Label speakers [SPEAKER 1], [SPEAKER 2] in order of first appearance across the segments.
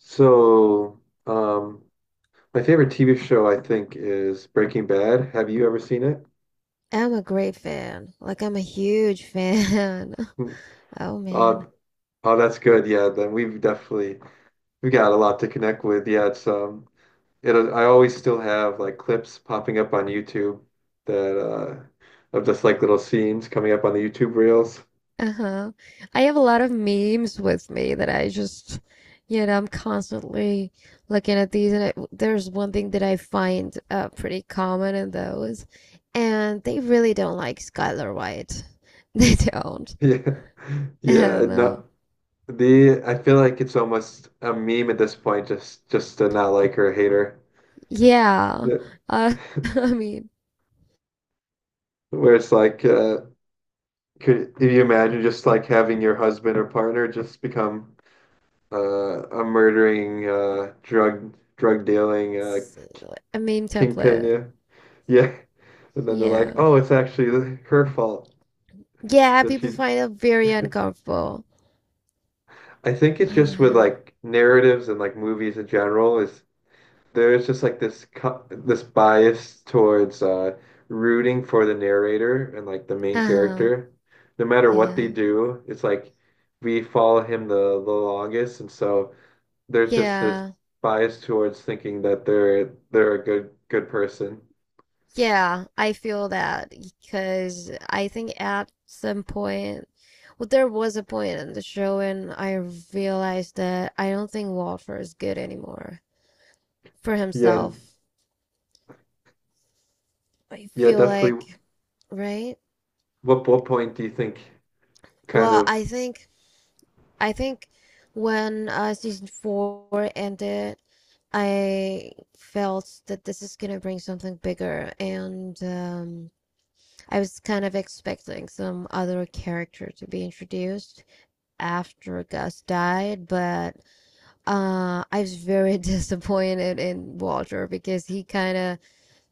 [SPEAKER 1] So, um, my favorite TV show, I think, is Breaking Bad. Have you ever seen it?
[SPEAKER 2] I'm a great fan. Like, I'm a huge fan.
[SPEAKER 1] Hmm.
[SPEAKER 2] Oh
[SPEAKER 1] Uh,
[SPEAKER 2] man.
[SPEAKER 1] oh, that's good. Yeah, then we've got a lot to connect with. Yeah, it's it. I always still have like clips popping up on YouTube that of just like little scenes coming up on the YouTube reels.
[SPEAKER 2] Uh-huh. I have a lot of memes with me that I just I'm constantly looking at these and I, there's one thing that I find pretty common in those, and they really don't like Skylar White. They don't.
[SPEAKER 1] Yeah,
[SPEAKER 2] I
[SPEAKER 1] yeah.
[SPEAKER 2] don't
[SPEAKER 1] No,
[SPEAKER 2] know.
[SPEAKER 1] the I feel like it's almost a meme at this point, just to not like her, or hate her.
[SPEAKER 2] Yeah.
[SPEAKER 1] Yeah,
[SPEAKER 2] Uh, I mean,
[SPEAKER 1] where it's like could you imagine just like having your husband or partner just become a murdering drug dealing
[SPEAKER 2] it's a meme
[SPEAKER 1] kingpin?
[SPEAKER 2] template.
[SPEAKER 1] Yeah. Yeah. And then they're like,
[SPEAKER 2] Yeah.
[SPEAKER 1] "Oh, it's actually her fault
[SPEAKER 2] Yeah,
[SPEAKER 1] that
[SPEAKER 2] people
[SPEAKER 1] she."
[SPEAKER 2] find it very uncomfortable.
[SPEAKER 1] I think it's
[SPEAKER 2] Oh
[SPEAKER 1] just with
[SPEAKER 2] man.
[SPEAKER 1] like narratives and like movies in general is there's just like this bias towards rooting for the narrator and like the main
[SPEAKER 2] Uh-huh.
[SPEAKER 1] character, no matter what they
[SPEAKER 2] Yeah.
[SPEAKER 1] do. It's like we follow him the longest, and so. There's just this
[SPEAKER 2] Yeah.
[SPEAKER 1] bias towards thinking that they're a good person.
[SPEAKER 2] Yeah. I feel that because I think at some point, well, there was a point in the show and I realized that I don't think Walter is good anymore for
[SPEAKER 1] Yeah,
[SPEAKER 2] himself. I
[SPEAKER 1] yeah,
[SPEAKER 2] feel
[SPEAKER 1] definitely.
[SPEAKER 2] like, right?
[SPEAKER 1] What point do you think kind
[SPEAKER 2] Well,
[SPEAKER 1] of
[SPEAKER 2] I think, I think when season four ended, I felt that this is gonna bring something bigger, and, I was kind of expecting some other character to be introduced after Gus died, but I was very disappointed in Walter because he kind of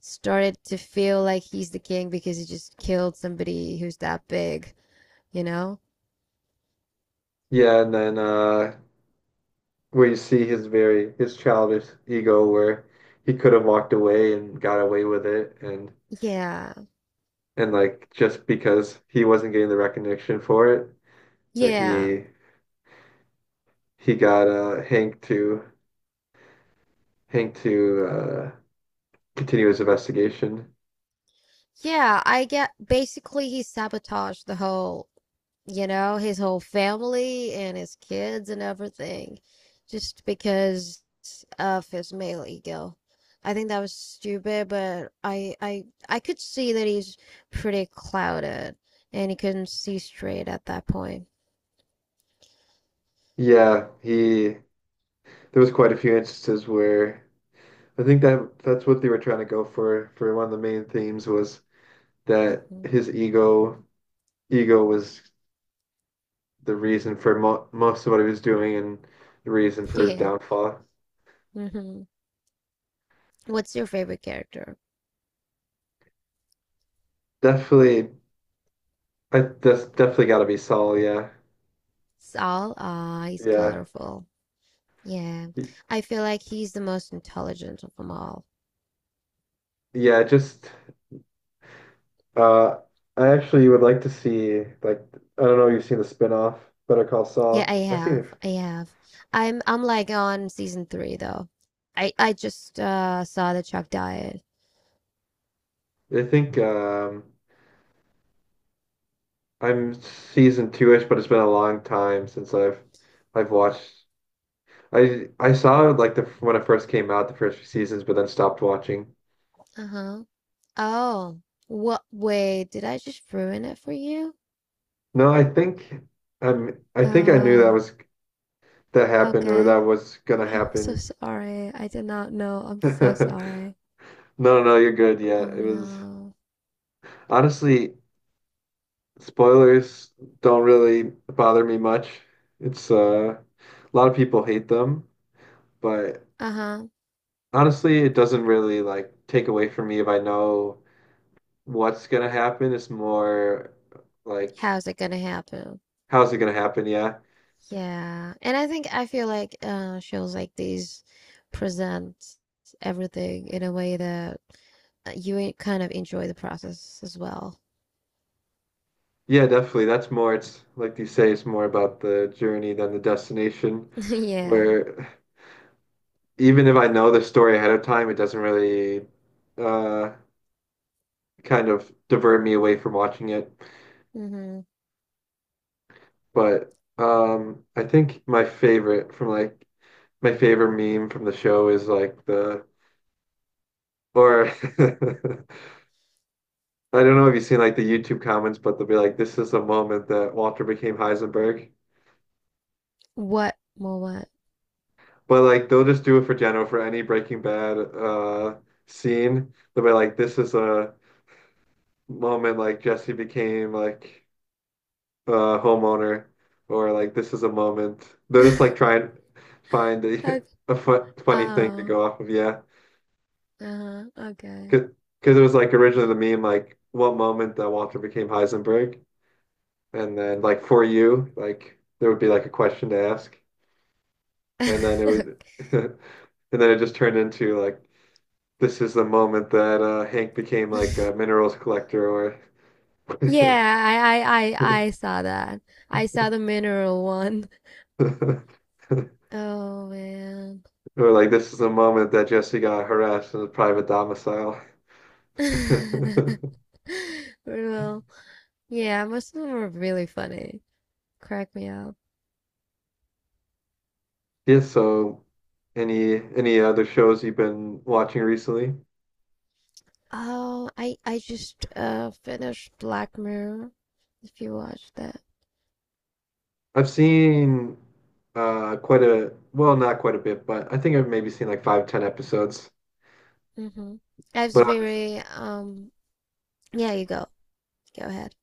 [SPEAKER 2] started to feel like he's the king because he just killed somebody who's that big, you know?
[SPEAKER 1] yeah, and then where you see his very his childish ego where he could have walked away and got away with it
[SPEAKER 2] Yeah,
[SPEAKER 1] and like just because he wasn't getting the recognition for it that
[SPEAKER 2] yeah,
[SPEAKER 1] he got Hank to continue his investigation.
[SPEAKER 2] yeah. I get basically he sabotaged the whole, you know, his whole family and his kids and everything, just because of his male ego. I think that was stupid, but I could see that he's pretty clouded and he couldn't see straight at that point.
[SPEAKER 1] Yeah, he there was quite a few instances where I think that that's what they were trying to go for one of the main themes was that
[SPEAKER 2] Hmm.
[SPEAKER 1] his ego was the reason for mo most of what he was doing and the reason for his
[SPEAKER 2] Yeah.
[SPEAKER 1] downfall.
[SPEAKER 2] Hmm. What's your favorite character?
[SPEAKER 1] Definitely, that's definitely got to be Saul. Yeah,
[SPEAKER 2] Saul? Ah, he's
[SPEAKER 1] yeah,
[SPEAKER 2] colorful. Yeah.
[SPEAKER 1] Y-
[SPEAKER 2] I feel like he's the most intelligent of them all.
[SPEAKER 1] yeah. Just uh, I actually would like to see like I don't know if you've seen the spin-off Better Call
[SPEAKER 2] Yeah, I
[SPEAKER 1] Saul. I've seen
[SPEAKER 2] have.
[SPEAKER 1] it.
[SPEAKER 2] I have. I'm like on season three though. I just saw the Chuck Diet.
[SPEAKER 1] I think I'm season two-ish, but it's been a long time since I've watched. I saw like the when it first came out, the first few seasons, but then stopped watching.
[SPEAKER 2] Uh-huh. Oh. What, wait, did I just ruin it for you?
[SPEAKER 1] No, I think I think I knew that
[SPEAKER 2] Oh,
[SPEAKER 1] was that happened or that
[SPEAKER 2] okay.
[SPEAKER 1] was gonna
[SPEAKER 2] I'm so
[SPEAKER 1] happen.
[SPEAKER 2] sorry. I did not know. I'm so sorry.
[SPEAKER 1] No, no, you're good. Yeah,
[SPEAKER 2] Oh
[SPEAKER 1] it was
[SPEAKER 2] no.
[SPEAKER 1] honestly spoilers don't really bother me much. It's a lot of people hate them, but
[SPEAKER 2] Uh-huh.
[SPEAKER 1] honestly, it doesn't really like take away from me if I know. What's gonna happen is more like
[SPEAKER 2] How's it gonna happen?
[SPEAKER 1] how's it gonna happen? Yeah.
[SPEAKER 2] Yeah, and I think I feel like shows like these present everything in a way that kind of enjoy the process as well.
[SPEAKER 1] Yeah, definitely. That's more it's like you say, it's more about the journey than the destination.
[SPEAKER 2] Yeah.
[SPEAKER 1] Where even if I know the story ahead of time, it doesn't really uh kind of divert me away from watching it.
[SPEAKER 2] Mm-hmm.
[SPEAKER 1] But I think my favorite from like my favorite meme from the show is like the or I don't know if you've seen like the YouTube comments, but they'll be like, "This is the moment that Walter became Heisenberg."
[SPEAKER 2] What? More what?
[SPEAKER 1] But like they'll just do it for Jeno for any Breaking Bad scene. They'll be like, "This is a moment like Jesse became like a homeowner," or like, "This is a moment." They'll just like try and find a
[SPEAKER 2] Okay.
[SPEAKER 1] a fu funny thing to
[SPEAKER 2] Oh.
[SPEAKER 1] go off of. Yeah,
[SPEAKER 2] Uh-huh. Okay.
[SPEAKER 1] because it was like originally the meme like, "What moment that Walter became Heisenberg?" And then like for you, like there would be like a question to ask. And then it would
[SPEAKER 2] Okay.
[SPEAKER 1] and then it just turned into like this is the moment that Hank became like a minerals collector or
[SPEAKER 2] Yeah, I saw that. I saw the mineral one. Oh man.
[SPEAKER 1] or like this is the moment that Jesse got harassed in his private domicile.
[SPEAKER 2] Well, yeah, most of them were really funny. Crack me up.
[SPEAKER 1] Yeah, so any other shows you've been watching recently?
[SPEAKER 2] Oh, I just finished Black Mirror. If you watched that,
[SPEAKER 1] I've seen quite a well, not quite a bit, but I think I've maybe seen like five, ten episodes.
[SPEAKER 2] mm-hmm. I was
[SPEAKER 1] But
[SPEAKER 2] very Yeah, you go. Go ahead.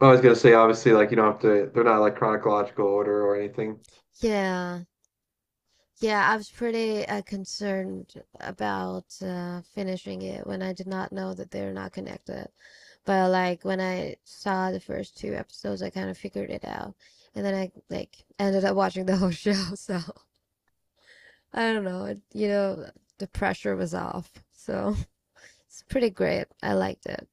[SPEAKER 1] I was gonna say, obviously, like you don't have to, they're not like chronological order or anything.
[SPEAKER 2] Yeah, yeah. I was pretty concerned about finishing it when I did not know that they're not connected. But like when I saw the first two episodes, I kind of figured it out, and then I like ended up watching the whole show. So I don't know. It, you know, the pressure was off. So. It's pretty great. I liked it.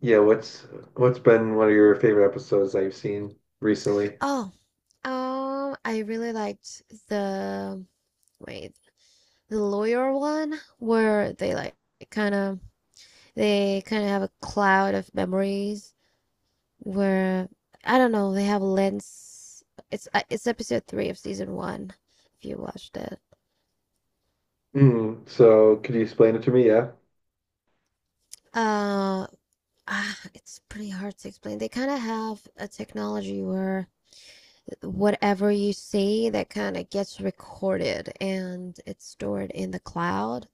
[SPEAKER 1] Yeah, what's been one of your favorite episodes that you've seen recently?
[SPEAKER 2] Oh, I really liked the, wait, the lawyer one where they like kind of, they kind of have a cloud of memories where I don't know, they have lens. It's episode 3 of season 1 if you watched it.
[SPEAKER 1] Mm, so could you explain it to me? Yeah.
[SPEAKER 2] Uh, it's pretty hard to explain. They kind of have a technology where whatever you see that kind of gets recorded and it's stored in the cloud.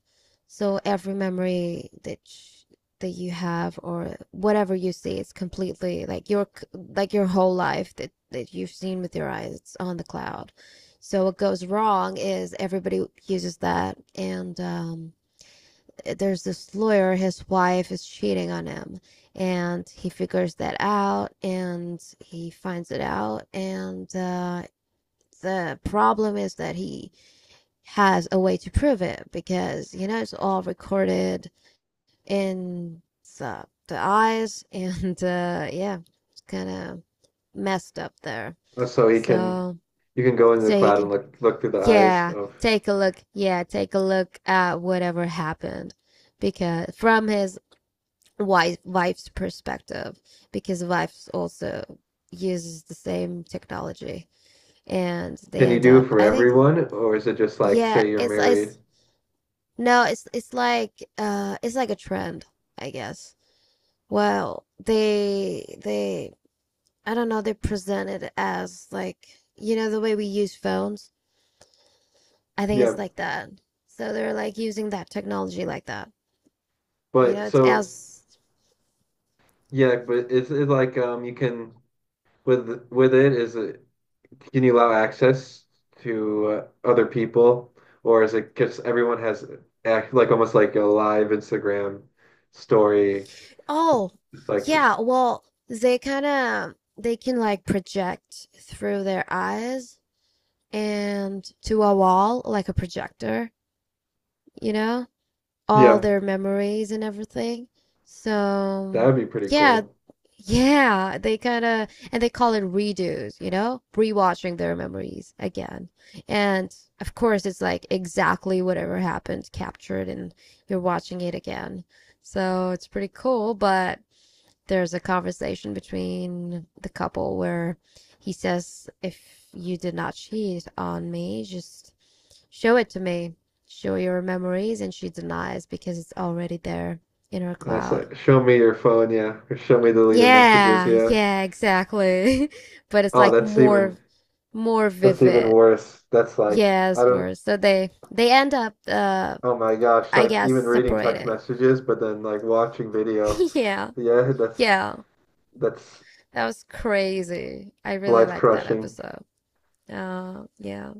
[SPEAKER 2] So every memory that you have or whatever you see is completely like your, like your whole life that you've seen with your eyes, it's on the cloud. So what goes wrong is everybody uses that, and there's this lawyer, his wife is cheating on him, and he figures that out, and he finds it out, and the problem is that he has a way to prove it because you know it's all recorded in the eyes and yeah, it's kind of messed up there.
[SPEAKER 1] So he can,
[SPEAKER 2] So
[SPEAKER 1] you can go into the
[SPEAKER 2] so he
[SPEAKER 1] cloud and
[SPEAKER 2] can
[SPEAKER 1] look through the eyes
[SPEAKER 2] yeah,
[SPEAKER 1] of.
[SPEAKER 2] take a look, yeah, take a look at whatever happened because from his wife's perspective, because wife also uses the same technology, and they
[SPEAKER 1] Can you
[SPEAKER 2] end
[SPEAKER 1] do it
[SPEAKER 2] up,
[SPEAKER 1] for
[SPEAKER 2] I think.
[SPEAKER 1] everyone, or is it just like
[SPEAKER 2] yeah
[SPEAKER 1] say you're
[SPEAKER 2] it's
[SPEAKER 1] married?
[SPEAKER 2] it's no, it's like it's like a trend, I guess. Well, they, I don't know, they present it as like, you know, the way we use phones. I think
[SPEAKER 1] Yeah,
[SPEAKER 2] it's like that. So they're like using that technology like that. You
[SPEAKER 1] but
[SPEAKER 2] know, it's
[SPEAKER 1] so
[SPEAKER 2] as,
[SPEAKER 1] yeah, but is it like you can with it is it can you allow access to other people, or is it because everyone has act like almost like a live Instagram story?
[SPEAKER 2] oh,
[SPEAKER 1] It's like,
[SPEAKER 2] yeah, well, they kind of they can like project through their eyes and to a wall like a projector, you know? All
[SPEAKER 1] yeah,
[SPEAKER 2] their memories and everything.
[SPEAKER 1] that
[SPEAKER 2] So
[SPEAKER 1] would be pretty
[SPEAKER 2] yeah,
[SPEAKER 1] cool.
[SPEAKER 2] yeah, they kind of, and they call it redos, you know, rewatching their memories again. And of course, it's like exactly whatever happened captured, and you're watching it again. So it's pretty cool. But there's a conversation between the couple where he says, "If you did not cheat on me, just." Show it to me. Show your memories, and she denies because it's already there in her
[SPEAKER 1] That's
[SPEAKER 2] cloud.
[SPEAKER 1] like, show me your phone, yeah, or show me deleted messages,
[SPEAKER 2] Yeah,
[SPEAKER 1] yeah.
[SPEAKER 2] yeah, exactly. But it's
[SPEAKER 1] Oh,
[SPEAKER 2] like more
[SPEAKER 1] that's even
[SPEAKER 2] vivid.
[SPEAKER 1] worse. That's like, I
[SPEAKER 2] Yes,
[SPEAKER 1] don't,
[SPEAKER 2] worse. So they end up
[SPEAKER 1] oh my gosh,
[SPEAKER 2] I
[SPEAKER 1] like
[SPEAKER 2] guess
[SPEAKER 1] even reading text
[SPEAKER 2] separating.
[SPEAKER 1] messages, but then like watching video.
[SPEAKER 2] Yeah.
[SPEAKER 1] Yeah,
[SPEAKER 2] Yeah.
[SPEAKER 1] that's
[SPEAKER 2] That was crazy. I really
[SPEAKER 1] life
[SPEAKER 2] liked that
[SPEAKER 1] crushing.
[SPEAKER 2] episode. Uh, yeah.